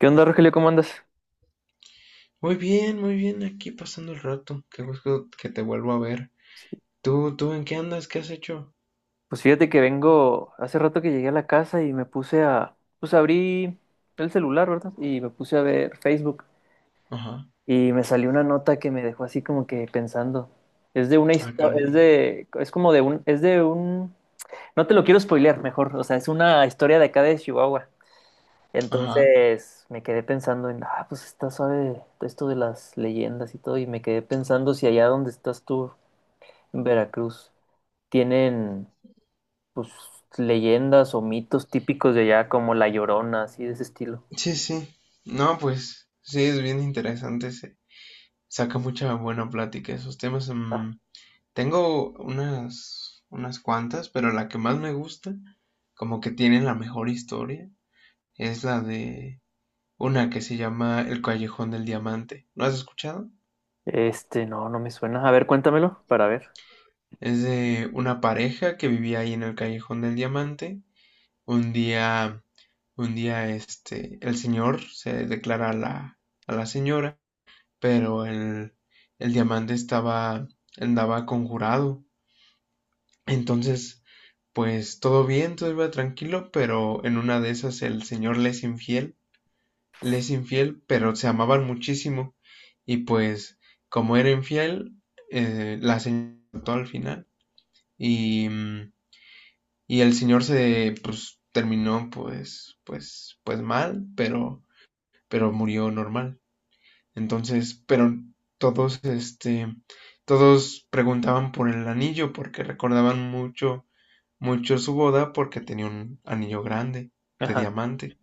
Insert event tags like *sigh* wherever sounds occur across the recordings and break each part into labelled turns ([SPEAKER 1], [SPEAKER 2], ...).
[SPEAKER 1] ¿Qué onda, Rogelio? ¿Cómo andas?
[SPEAKER 2] Muy bien, aquí pasando el rato. Qué gusto que te vuelvo a ver.
[SPEAKER 1] Sí.
[SPEAKER 2] Tú en qué andas? ¿Qué has hecho?
[SPEAKER 1] Pues fíjate que vengo, hace rato que llegué a la casa y me puse pues abrí el celular, ¿verdad? Y me puse a ver Facebook
[SPEAKER 2] Ajá.
[SPEAKER 1] y me salió una nota que me dejó así como que pensando. Es de una
[SPEAKER 2] Ah,
[SPEAKER 1] historia,
[SPEAKER 2] caray.
[SPEAKER 1] es de un, no te lo quiero spoilear mejor, o sea, es una historia de acá de Chihuahua.
[SPEAKER 2] Ajá.
[SPEAKER 1] Entonces me quedé pensando en, ah, pues está suave esto de las leyendas y todo, y me quedé pensando si allá donde estás tú, en Veracruz, tienen pues leyendas o mitos típicos de allá, como La Llorona, así de ese estilo.
[SPEAKER 2] Sí, sí. No, pues sí, es bien interesante. Se saca mucha buena plática esos temas.
[SPEAKER 1] Ah.
[SPEAKER 2] Mm, tengo unas cuantas, pero la que más me gusta, como que tiene la mejor historia, es la de una que se llama El Callejón del Diamante. ¿Lo has escuchado?
[SPEAKER 1] Este, no, no me suena. A ver, cuéntamelo para ver.
[SPEAKER 2] Es de una pareja que vivía ahí en el Callejón del Diamante. Un día, un día, el señor se declara a la señora, pero el diamante estaba, andaba conjurado. Entonces, pues todo bien, todo iba tranquilo, pero en una de esas el señor le es infiel, pero se amaban muchísimo. Y pues, como era infiel, la señora al final. Y Y el señor se, pues, terminó, pues mal, pero murió normal. Entonces, pero todos, todos preguntaban por el anillo porque recordaban mucho su boda porque tenía un anillo grande de
[SPEAKER 1] Ajá.
[SPEAKER 2] diamante.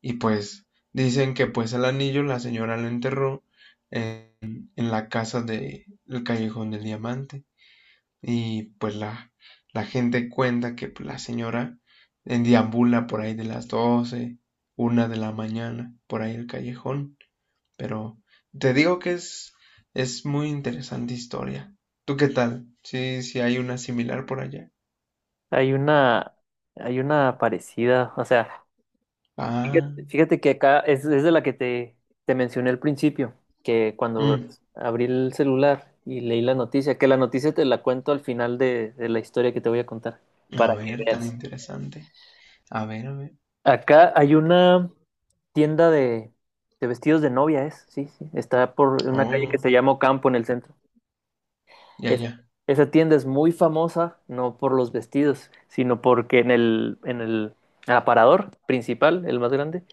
[SPEAKER 2] Y pues dicen que pues el anillo la señora lo enterró en la casa del el callejón del diamante. Y pues la gente cuenta que pues, la señora deambula por ahí de las 12 una de la mañana, por ahí el callejón. Pero te digo que es muy interesante historia. ¿Tú qué tal? Sí, sí hay una similar por allá.
[SPEAKER 1] Hay una, hay una parecida, o sea,
[SPEAKER 2] Ah,
[SPEAKER 1] fíjate que acá es de la que te mencioné al principio, que cuando
[SPEAKER 2] mm,
[SPEAKER 1] abrí el celular y leí la noticia, que la noticia te la cuento al final de la historia que te voy a contar,
[SPEAKER 2] a
[SPEAKER 1] para que
[SPEAKER 2] ver, tan
[SPEAKER 1] veas.
[SPEAKER 2] interesante. A ver, a ver.
[SPEAKER 1] Acá hay una tienda de vestidos de novia, sí, sí. Está por una calle que
[SPEAKER 2] Oh,
[SPEAKER 1] se llama Campo en el centro.
[SPEAKER 2] ya,
[SPEAKER 1] Es-
[SPEAKER 2] ya.
[SPEAKER 1] esa tienda es muy famosa, no por los vestidos, sino porque en el aparador principal, el más grande,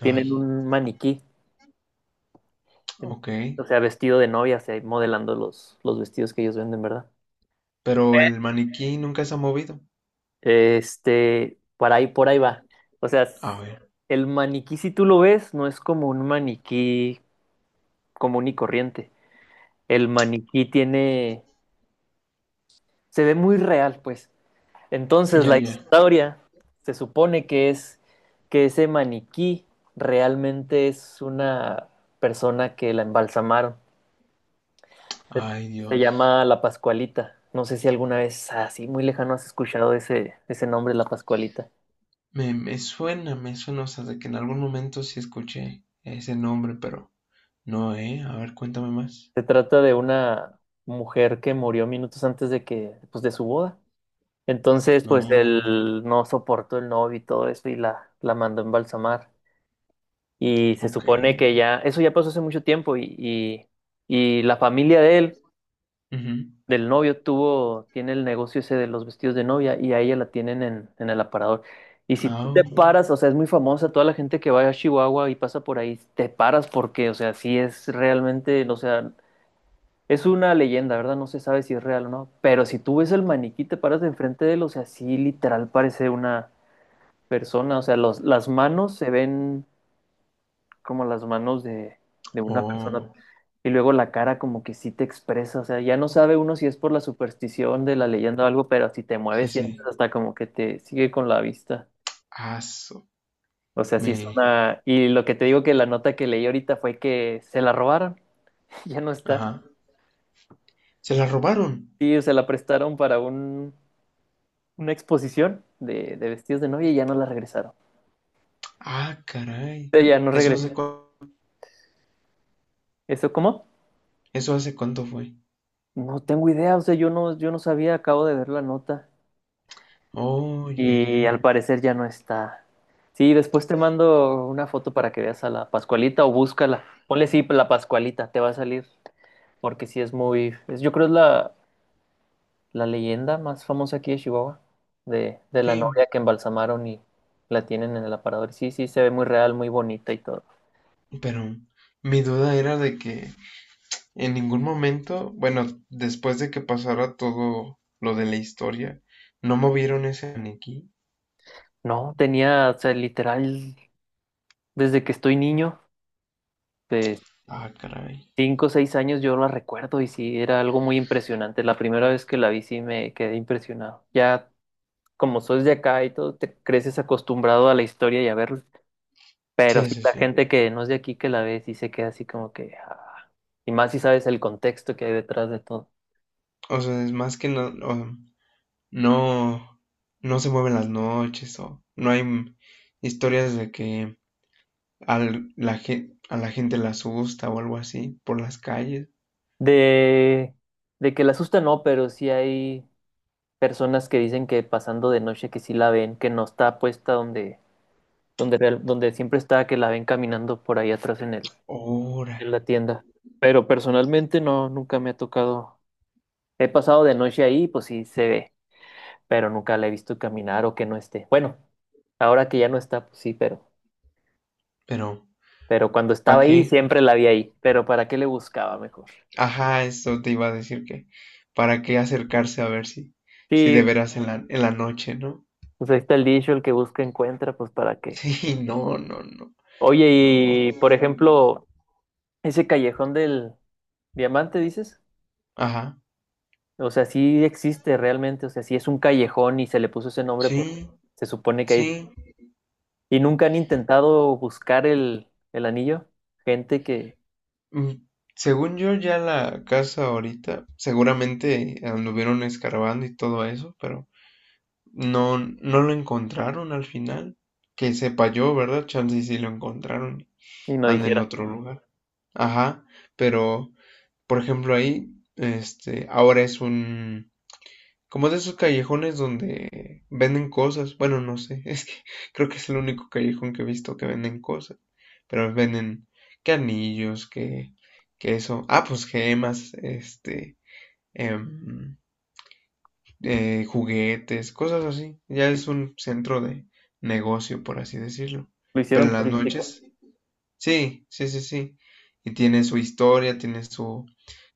[SPEAKER 1] tienen
[SPEAKER 2] Ay,
[SPEAKER 1] un maniquí, en-
[SPEAKER 2] ok.
[SPEAKER 1] o sea, vestido de novia, o sea, modelando los vestidos que ellos venden, ¿verdad?
[SPEAKER 2] Pero el maniquí nunca se ha movido.
[SPEAKER 1] Este, por ahí va. O sea,
[SPEAKER 2] A ver,
[SPEAKER 1] el maniquí, si tú lo ves, no es como un maniquí común y corriente. El maniquí tiene se ve muy real, pues. Entonces
[SPEAKER 2] ya,
[SPEAKER 1] la
[SPEAKER 2] ya.
[SPEAKER 1] historia se supone que es que ese maniquí realmente es una persona que la embalsamaron. Se,
[SPEAKER 2] Ay,
[SPEAKER 1] se
[SPEAKER 2] Dios.
[SPEAKER 1] llama La Pascualita. No sé si alguna vez así muy lejano has escuchado ese nombre, La Pascualita.
[SPEAKER 2] Me suena, me suena, o sea, de que en algún momento sí escuché ese nombre, pero no, ¿eh? A ver, cuéntame más.
[SPEAKER 1] Se trata de una mujer que murió minutos antes de que, pues, de su boda. Entonces, pues
[SPEAKER 2] No,
[SPEAKER 1] él no soportó el novio y todo eso y la mandó a embalsamar. Y se
[SPEAKER 2] ok.
[SPEAKER 1] supone que ya, eso ya pasó hace mucho tiempo y la familia de él,
[SPEAKER 2] Ujú.
[SPEAKER 1] del novio, tuvo, tiene el negocio ese de los vestidos de novia y a ella la tienen en el aparador. Y si tú
[SPEAKER 2] Ah,
[SPEAKER 1] te paras, o sea, es muy famosa toda la gente que va a Chihuahua y pasa por ahí, te paras porque, o sea, sí es realmente, o sea, es una leyenda, ¿verdad? No se sabe si es real o no, pero si tú ves el maniquí, te paras de enfrente de él, o sea, sí literal parece una persona, o sea, los, las manos se ven como las manos de una persona.
[SPEAKER 2] oh,
[SPEAKER 1] Y luego la cara como que sí te expresa, o sea, ya no sabe uno si es por la superstición de la leyenda o algo, pero si te
[SPEAKER 2] sí,
[SPEAKER 1] mueves sientes
[SPEAKER 2] sí.
[SPEAKER 1] hasta como que te sigue con la vista.
[SPEAKER 2] Aso,
[SPEAKER 1] O sea, sí
[SPEAKER 2] me,
[SPEAKER 1] es una... Y lo que te digo que la nota que leí ahorita fue que se la robaron, *laughs* ya no está.
[SPEAKER 2] ajá. ¿Se la robaron?
[SPEAKER 1] Sí, se la prestaron para una exposición de vestidos de novia y ya no la regresaron. O
[SPEAKER 2] Ah, caray.
[SPEAKER 1] sea, ya no
[SPEAKER 2] ¿Eso
[SPEAKER 1] regresó.
[SPEAKER 2] hace cu-
[SPEAKER 1] ¿Eso cómo?
[SPEAKER 2] Eso hace cuánto fue?
[SPEAKER 1] No tengo idea, o sea, yo no sabía, acabo de ver la nota.
[SPEAKER 2] Oh, ya,
[SPEAKER 1] Y
[SPEAKER 2] ya.
[SPEAKER 1] al parecer ya no está. Sí, después te mando una foto para que veas a la Pascualita o búscala. Ponle sí, la Pascualita, te va a salir. Porque sí es muy. Yo creo es la leyenda más famosa aquí de Chihuahua. De la
[SPEAKER 2] Sí,
[SPEAKER 1] novia que embalsamaron y la tienen en el aparador. Sí, sí, se ve muy real, muy bonita y todo.
[SPEAKER 2] pero mi duda era de que en ningún momento, bueno, después de que pasara todo lo de la historia, no movieron ese maniquí.
[SPEAKER 1] No, tenía, o sea, literal, desde que estoy niño, de
[SPEAKER 2] Ah, caray.
[SPEAKER 1] 5 o 6 años, yo la recuerdo y sí, era algo muy impresionante. La primera vez que la vi, sí me quedé impresionado. Ya como sos de acá y todo, te creces acostumbrado a la historia y a verlo. Pero
[SPEAKER 2] Sí,
[SPEAKER 1] sí,
[SPEAKER 2] sí,
[SPEAKER 1] la
[SPEAKER 2] sí.
[SPEAKER 1] gente que no es de aquí que la ve sí se queda así como que... ah. Y más si sabes el contexto que hay detrás de todo.
[SPEAKER 2] O sea, es más que no, no, no se mueven las noches o no hay historias de que a la gente la asusta o algo así por las calles.
[SPEAKER 1] De, de que la asusta no, pero sí hay personas que dicen que pasando de noche que sí la ven, que no está puesta donde, donde siempre está, que la ven caminando por ahí atrás
[SPEAKER 2] Ahora,
[SPEAKER 1] en la tienda. Pero personalmente no, nunca me ha tocado. He pasado de noche ahí, pues sí se ve, pero nunca la he visto caminar o que no esté. Bueno, ahora que ya no está, pues sí,
[SPEAKER 2] pero
[SPEAKER 1] pero cuando
[SPEAKER 2] ¿para
[SPEAKER 1] estaba ahí
[SPEAKER 2] qué?
[SPEAKER 1] siempre la vi ahí, pero ¿para qué le buscaba mejor?
[SPEAKER 2] Ajá, eso te iba a decir que, ¿para qué acercarse a ver si, si de
[SPEAKER 1] Sí,
[SPEAKER 2] veras en la noche, ¿no?
[SPEAKER 1] pues ahí está el dicho, el que busca encuentra, pues ¿para qué?
[SPEAKER 2] Sí, no, no, no,
[SPEAKER 1] Oye,
[SPEAKER 2] no.
[SPEAKER 1] y por ejemplo, ese callejón del diamante, dices,
[SPEAKER 2] Ajá,
[SPEAKER 1] o sea, sí existe realmente, o sea, sí es un callejón y se le puso ese nombre porque
[SPEAKER 2] sí,
[SPEAKER 1] se supone que hay...
[SPEAKER 2] sí.
[SPEAKER 1] ¿Y nunca han intentado buscar el anillo? Gente que,
[SPEAKER 2] Mm, según yo, ya la casa ahorita, seguramente anduvieron escarbando y todo eso, pero no, no lo encontraron al final. Que sepa yo, ¿verdad? Chance y sí lo encontraron.
[SPEAKER 1] y no
[SPEAKER 2] Anda en
[SPEAKER 1] dijera,
[SPEAKER 2] otro lugar. Ajá, pero, por ejemplo, ahí, ahora es un, como de esos callejones donde venden cosas. Bueno, no sé, *laughs* es que creo que es el único callejón que he visto que venden cosas. Pero venden que anillos, que eso. Ah, pues gemas, em, juguetes, cosas así. Ya es un centro de negocio, por así decirlo.
[SPEAKER 1] lo
[SPEAKER 2] Pero
[SPEAKER 1] hicieron
[SPEAKER 2] en las
[SPEAKER 1] turístico.
[SPEAKER 2] noches, sí, sí, sí, sí. Y tiene su historia, tiene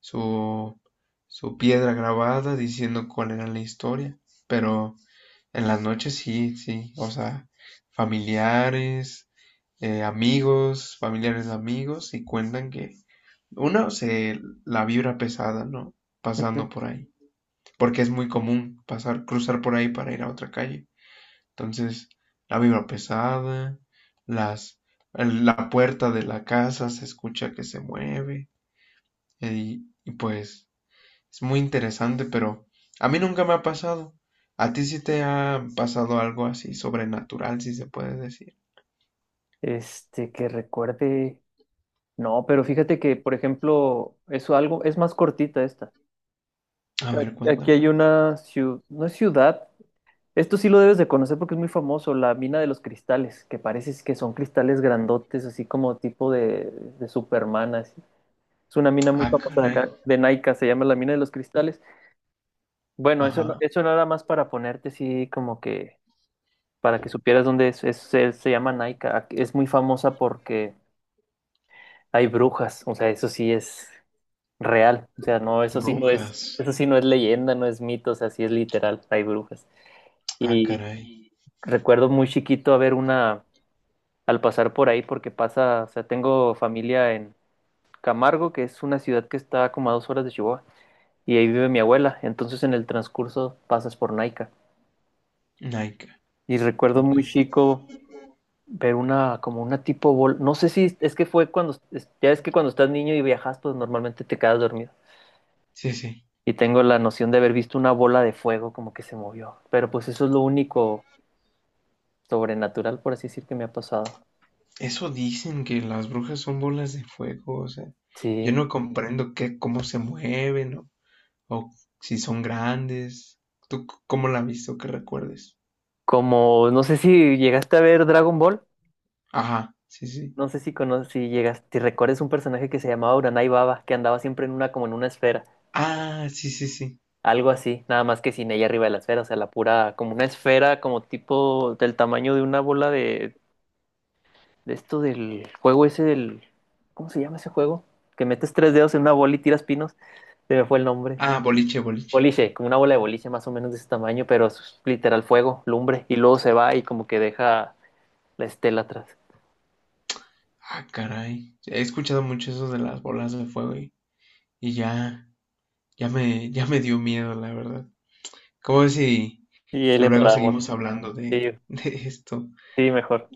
[SPEAKER 2] su, su piedra grabada diciendo cuál era la historia. Pero en las noches sí, sí, o sea, familiares, amigos, familiares de amigos, y cuentan que uno se la vibra pesada, ¿no? Pasando
[SPEAKER 1] *laughs*
[SPEAKER 2] por ahí, porque es muy común pasar, cruzar por ahí para ir a otra calle. Entonces, la vibra pesada, las, la puerta de la casa se escucha que se mueve, y pues es muy interesante, pero a mí nunca me ha pasado. ¿A ti sí te ha pasado algo así sobrenatural, si se puede decir?
[SPEAKER 1] Este, que recuerde. No, pero fíjate que, por ejemplo, eso algo, es más cortita esta.
[SPEAKER 2] A ver,
[SPEAKER 1] Aquí
[SPEAKER 2] cuéntame.
[SPEAKER 1] hay una ciudad, no es ciudad, esto sí lo debes de conocer porque es muy famoso, la mina de los cristales, que parece que son cristales grandotes, así como tipo de Superman, así. Es una mina muy
[SPEAKER 2] Ah,
[SPEAKER 1] famosa de
[SPEAKER 2] caray.
[SPEAKER 1] acá, de Nike, se llama la mina de los cristales. Bueno, eso,
[SPEAKER 2] Ajá.
[SPEAKER 1] eso nada más para ponerte así como que, para que supieras dónde es, se llama Nike, es muy famosa porque hay brujas, o sea, eso sí es... real. O sea, no,
[SPEAKER 2] Brujas.
[SPEAKER 1] eso sí no es leyenda, no es mito, o sea, sí es literal, hay brujas.
[SPEAKER 2] Ah,
[SPEAKER 1] Y
[SPEAKER 2] caray.
[SPEAKER 1] recuerdo muy chiquito haber una, al pasar por ahí, porque pasa, o sea, tengo familia en Camargo, que es una ciudad que está como a 2 horas de Chihuahua, y ahí vive mi abuela. Entonces en el transcurso pasas por Naica.
[SPEAKER 2] Naika.
[SPEAKER 1] Y recuerdo
[SPEAKER 2] Ok.
[SPEAKER 1] muy chico ver una, como una tipo bol, no sé si es que fue cuando, ya es que cuando estás niño y viajas, pues normalmente te quedas dormido.
[SPEAKER 2] Sí, sí.
[SPEAKER 1] Y tengo la noción de haber visto una bola de fuego como que se movió. Pero pues eso es lo único sobrenatural, por así decir, que me ha pasado.
[SPEAKER 2] Eso dicen que las brujas son bolas de fuego, o sea, yo
[SPEAKER 1] Sí.
[SPEAKER 2] no comprendo qué, cómo se mueven o si son grandes. ¿Tú cómo la has visto que recuerdes?
[SPEAKER 1] Como, no sé si llegaste a ver Dragon Ball.
[SPEAKER 2] Ajá, sí, sí.
[SPEAKER 1] No sé si conoces, si llegas, si recuerdas un personaje que se llamaba Uranai Baba, que andaba siempre en una, como en una esfera.
[SPEAKER 2] Ah, sí, sí, sí.
[SPEAKER 1] Algo así, nada más que sin ella arriba de la esfera, o sea, la pura, como una esfera, como tipo del tamaño de una bola de esto del juego ese del, ¿cómo se llama ese juego? Que metes tres dedos en una bola y tiras pinos. Se me fue el nombre.
[SPEAKER 2] Ah, boliche, boliche.
[SPEAKER 1] Boliche, como una bola de boliche más o menos de ese tamaño, pero es literal fuego, lumbre, y luego se va y como que deja la estela atrás.
[SPEAKER 2] Ah, caray. He escuchado mucho eso de las bolas de fuego y ya, ya me dio miedo, la verdad. ¿Cómo ves si
[SPEAKER 1] Y ahí le
[SPEAKER 2] luego
[SPEAKER 1] paramos.
[SPEAKER 2] seguimos hablando
[SPEAKER 1] Sí,
[SPEAKER 2] de esto?
[SPEAKER 1] sí, mejor.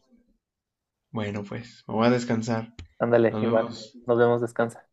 [SPEAKER 2] Bueno, pues, me voy a descansar.
[SPEAKER 1] Ándale,
[SPEAKER 2] Nos
[SPEAKER 1] igual.
[SPEAKER 2] vemos.
[SPEAKER 1] Nos vemos, descansa.